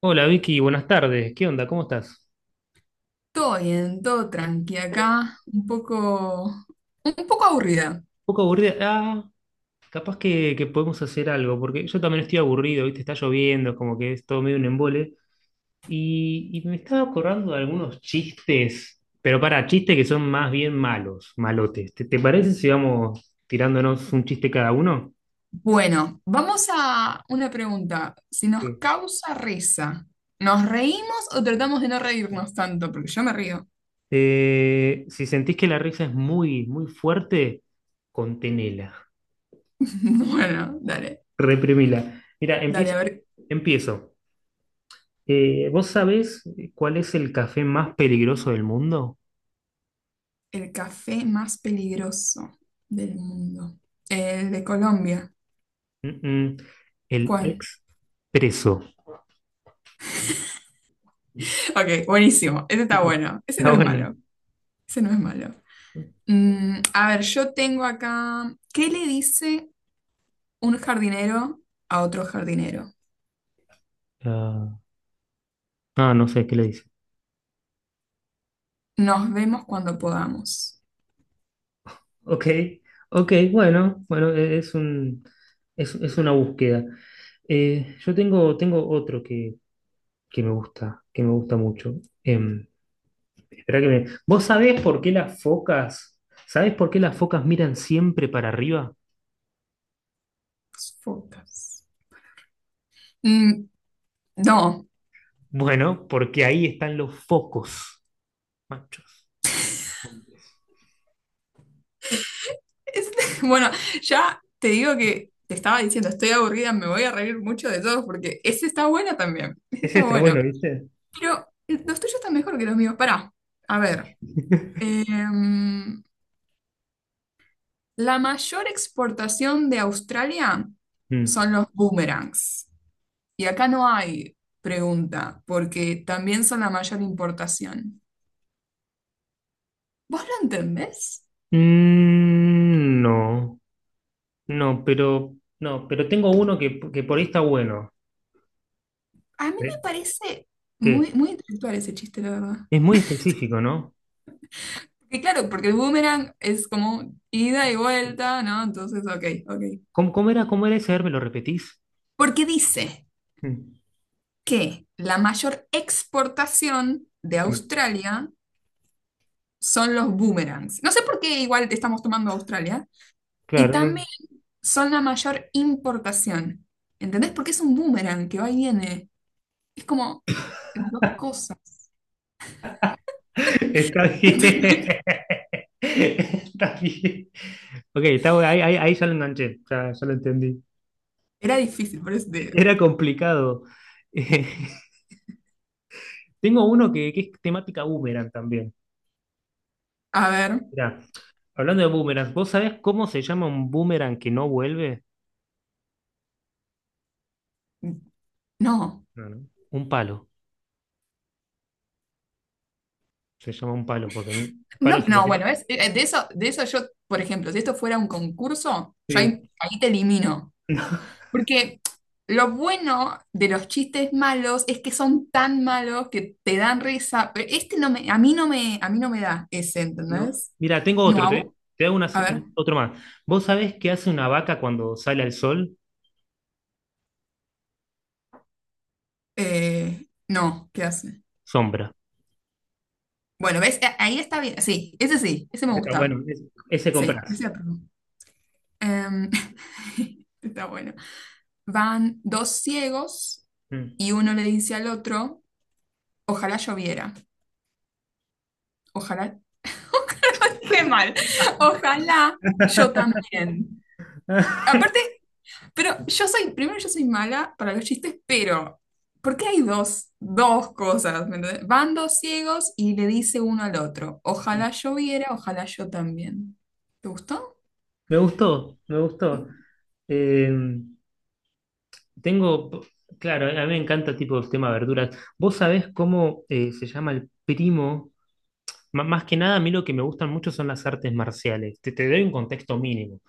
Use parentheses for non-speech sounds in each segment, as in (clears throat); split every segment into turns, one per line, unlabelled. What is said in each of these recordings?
Hola Vicky, buenas tardes. ¿Qué onda? ¿Cómo estás?
Todo bien, todo tranqui acá, un poco aburrida.
Un poco aburrida. Capaz que podemos hacer algo, porque yo también estoy aburrido, ¿viste? Está lloviendo, como que es todo medio un embole. Y me estaba acordando de algunos chistes, pero para chistes que son más bien malos, malotes. ¿Te parece si vamos tirándonos un chiste cada uno?
Bueno, vamos a una pregunta. Si nos
Sí.
causa risa, ¿nos reímos o tratamos de no reírnos tanto? Porque yo me río.
Si sentís que la risa es muy, muy fuerte, contenela,
(laughs) Bueno, dale,
reprimila. Mira,
dale,
empiezo.
a ver,
Empiezo. ¿Vos sabés cuál es el café más peligroso del mundo?
el café más peligroso del mundo. El de Colombia.
Mm, mm, el
¿Cuál?
expreso.
Ok, buenísimo. Ese está
Sí.
bueno. Ese
Ah,
no es
bueno.
malo. Ese no es malo. Mm, a ver, yo tengo acá, ¿qué le dice? Un jardinero a otro jardinero.
Ah, ah, no sé qué le dice.
Nos vemos cuando podamos.
Ok, ok, bueno, bueno, es un, es una búsqueda. Yo tengo otro que me gusta mucho. Em, Esperá que me... ¿Vos sabés por qué las focas, sabés por qué las focas miran siempre para arriba?
Focas. Mm, no.
Bueno, porque ahí están los focos. Machos.
Es- (laughs) bueno, ya te digo que te estaba diciendo, estoy aburrida, me voy a reír mucho de todos porque ese está bueno también. (laughs) Ese
Ese
está
está
bueno.
bueno, ¿viste?
Pero los tuyos están mejor que los míos. Pará. A ver.
(laughs)
em, la mayor exportación de Australia
Mm.
son los boomerangs. Y acá no hay pregunta, porque también son la mayor importación. ¿Vos lo entendés?
Mm, no, no, pero no, pero tengo uno que por ahí está bueno.
A mí me
¿Eh?
parece muy,
Que
muy intelectual ese chiste, la verdad.
es muy específico, ¿no?
Y claro, porque el boomerang es como ida y vuelta, ¿no? Entonces, ok, ok.
¿Cómo, cómo era ese? A ver, ¿me lo repetís?
Porque dice
Mm.
que la mayor exportación de
Sí.
Australia son los boomerangs. No sé por qué igual te estamos tomando Australia. Y
Claro, no.
también son la mayor importación. ¿Entendés? Porque es un boomerang que va y viene. Es como las dos cosas.
(laughs) Está bien.
(laughs)
(laughs) Está bien. Ok, está, ahí, ahí, ahí ya lo enganché, ya, ya lo entendí.
Era difícil, por eso te digo.
Era complicado. (laughs) Tengo uno que es temática boomerang también.
A ver,
Mirá, hablando de boomerangs, ¿vos sabés cómo se llama un boomerang que no vuelve?
no.
No, no. Un palo. Se llama un palo, porque un
No,
palo se le
no,
tira.
bueno, de eso yo, por ejemplo, si esto fuera un concurso, yo
Sí.
ahí, ahí te elimino.
(laughs)
Porque lo bueno de los chistes malos es que son tan malos que te dan risa, pero a mí no me da ese,
¿No?
¿entendés?
Mira, tengo
No,
otro,
a,
te,
vo-
te hago
A ver,
otro más. ¿Vos sabés qué hace una vaca cuando sale al sol?
no, ¿qué hace?
Sombra.
Bueno, ¿ves? A- ahí está bien, sí, ese me
Ese está bueno,
gusta,
ese
sí,
comprás.
ese apruebo. Em, (laughs) está bueno. Van dos ciegos
Mm.
y uno le dice al otro, ojalá lloviera. Ojalá. (laughs) Dije mal. Ojalá yo también. Aparte, pero yo soy, primero yo soy mala para los chistes, pero ¿por qué hay dos cosas? ¿Me entendés? Van dos ciegos y le dice uno al otro, ojalá
(laughs)
lloviera, ojalá yo también. ¿Te gustó?
Me gustó, me gustó. Eh, Tengo, claro, a mí me encanta tipo el tema de verduras. ¿Vos sabés cómo se llama el primo más que nada, a mí lo que me gustan mucho son las artes marciales. Te doy un contexto mínimo.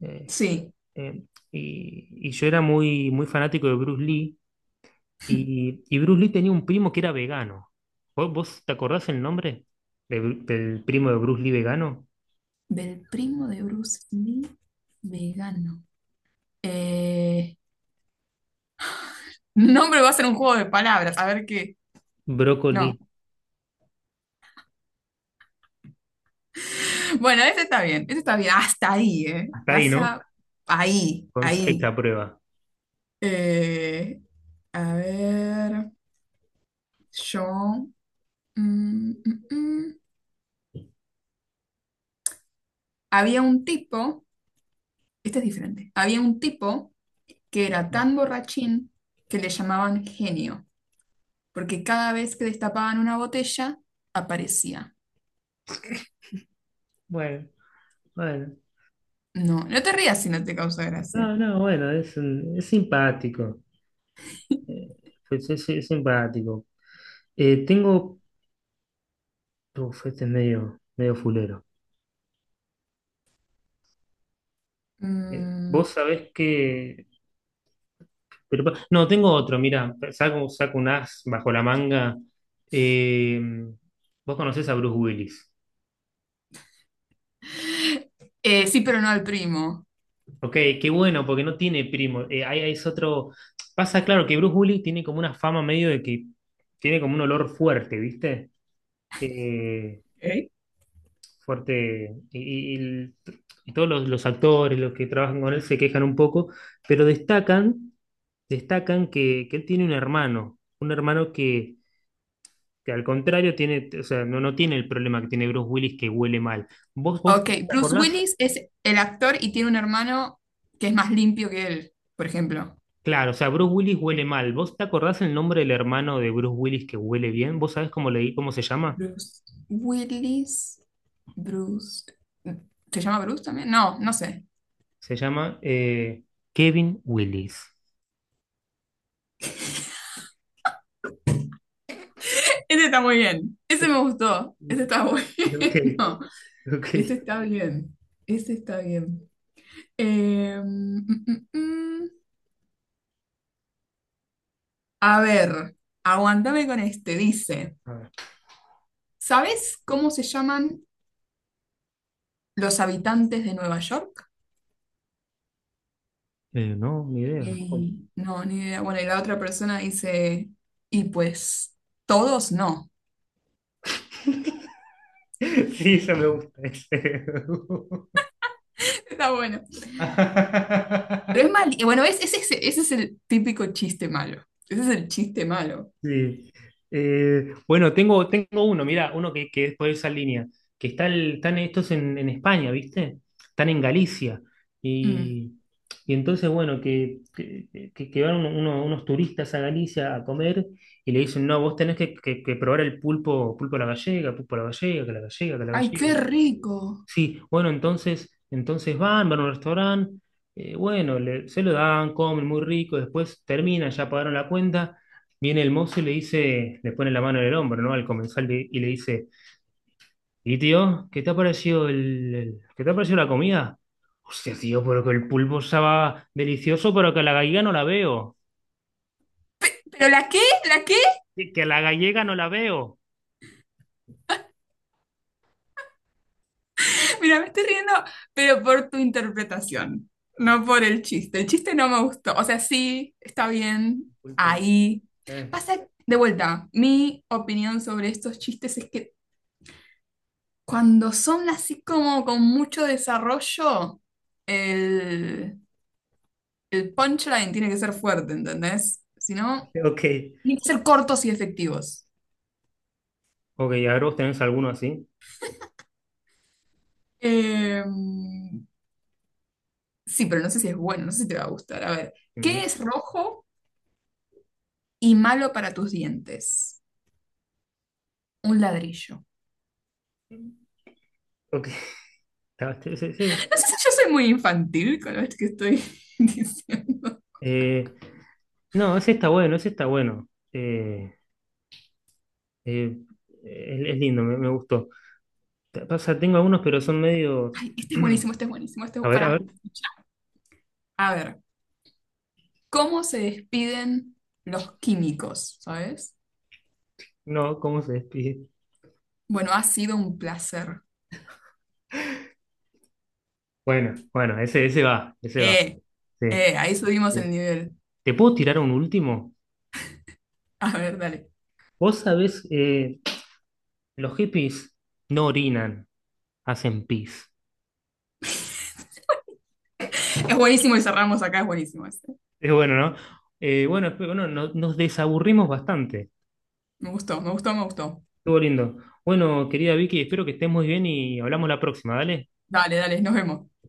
Eh,
Sí.
eh, y yo era muy, muy fanático de Bruce Lee y Bruce Lee tenía un primo que era vegano. ¿Vos te acordás el nombre de del primo de Bruce Lee vegano?
Del primo de Bruce Lee, vegano. Eh, (laughs) nombre va a ser un juego de palabras, a ver qué. No.
Brócoli.
Bueno, ese está bien, hasta ahí, ¿eh?
Hasta ahí, ¿no?
Pasa ahí,
Con seis
ahí.
a prueba.
Eh, a ver, yo... mm, mm, mm. Había un tipo, este es diferente, había un tipo que era tan borrachín que le llamaban genio, porque cada vez que destapaban una botella, aparecía.
Bueno, bueno.
No, no te rías si no te causa gracia.
No, no, bueno, es, es simpático. Eh, es, es simpático. Tengo... Uf, este es medio, medio fulero.
Mm,
Vos sabés que... no, tengo otro, mira, saco, saco un as bajo la manga. Eh, Vos conocés a Bruce Willis.
(laughs) sí, pero no al primo.
Ok, qué bueno, porque no tiene primo. Ahí ahí es otro... Pasa, claro, que Bruce Willis tiene como una fama medio de que tiene como un olor fuerte, ¿viste? Eh,
Ok.
fuerte. Y, y y todos los actores, los que trabajan con él, se quejan un poco, pero destacan, destacan que él tiene un hermano que al contrario tiene, o sea, no, no tiene el problema que tiene Bruce Willis que huele mal. ¿Vos, vos
Ok,
te
Bruce
acordás?
Willis es el actor y tiene un hermano que es más limpio que él, por ejemplo.
Claro, o sea, Bruce Willis huele mal. ¿Vos te acordás el nombre del hermano de Bruce Willis que huele bien? ¿Vos sabés cómo le cómo se llama?
Bruce Willis, Bruce. ¿Se llama Bruce también? No, no sé.
Se llama Kevin Willis.
Ese está muy bien. Ese me gustó. Ese
(laughs)
está
Ok,
bueno. (laughs)
ok.
Ese está bien. Ese está bien. Mm, mm, mm. A ver, aguantame con este. Dice,
A ver.
¿sabes cómo se llaman los habitantes de Nueva York?
No, ni idea.
Ey, no, ni idea. Bueno, y la otra persona dice, y pues todos no.
(laughs) Sí, eso me gusta. (laughs) ese.
(laughs) Está bueno. Pero
(laughs)
es mal, y bueno, es ese, ese es el típico chiste malo. Ese es el chiste malo.
Sí. Bueno, tengo, tengo uno, mira, uno que es por esa línea, que está están estos en España, ¿viste? Están en Galicia.
Mm.
Y, y entonces, bueno, que, que van unos turistas a Galicia a comer y le dicen, no, vos tenés que, que probar el pulpo, pulpo a la gallega, pulpo a la gallega, que la gallega, que la
Ay,
gallega.
qué rico.
Sí, bueno, entonces, entonces van, van a un restaurante, bueno, se lo dan, comen muy rico, después termina, ya pagaron la cuenta, viene el mozo y le dice, le pone la mano en el hombro, ¿no? Al comensal y le dice, ¿y tío, qué te ha parecido el, qué te ha parecido la comida? Hostia, tío, pero que el pulpo estaba delicioso, pero que a la gallega no la veo.
¿Pero la qué? ¿La qué?
Que a la gallega no la veo.
(laughs) Mira, me estoy riendo, pero por tu interpretación, no
Vale,
por el chiste. El chiste no me gustó. O sea, sí, está bien.
pulpo no.
Ahí.
Eh,
Pasa de vuelta. Mi opinión sobre estos chistes es que, cuando son así como con mucho desarrollo, el, el punchline tiene que ser fuerte, ¿entendés? Si no,
(laughs) ok.
tienen que ser cortos y efectivos.
Ok, ahora vos tenés alguno así.
Eh, sí, pero no sé si es bueno, no sé si te va a gustar. A ver, ¿qué
Ujú.
es rojo y malo para tus dientes? Un ladrillo.
Ok. (laughs) Está-
No sé si yo soy muy infantil con lo que estoy (laughs) diciendo.
Eh, no, ese está bueno, ese está bueno. Eh, eh, es lindo, me gustó. O sea, tengo algunos, pero son medios.
Ay, este es buenísimo, este
(clears throat)
es buenísimo, este es...
A ver, a ver.
Pará. A ver, ¿cómo se despiden los químicos? ¿Sabes?
No, ¿cómo se despide?
Bueno, ha sido un placer.
Bueno, bueno, ese va, ese va.
Eh,
Sí,
Ahí subimos el
sí.
nivel.
¿Te puedo tirar un último?
A ver, dale.
Vos sabés, los hippies no orinan, hacen pis.
Es buenísimo y cerramos acá, es buenísimo este.
Es bueno, ¿no? Bueno, espero, no, nos desaburrimos bastante.
Me gustó, me gustó, me gustó.
Estuvo lindo. Bueno, querida Vicky, espero que estés muy bien y hablamos la próxima, ¿vale?
Dale, dale, nos vemos.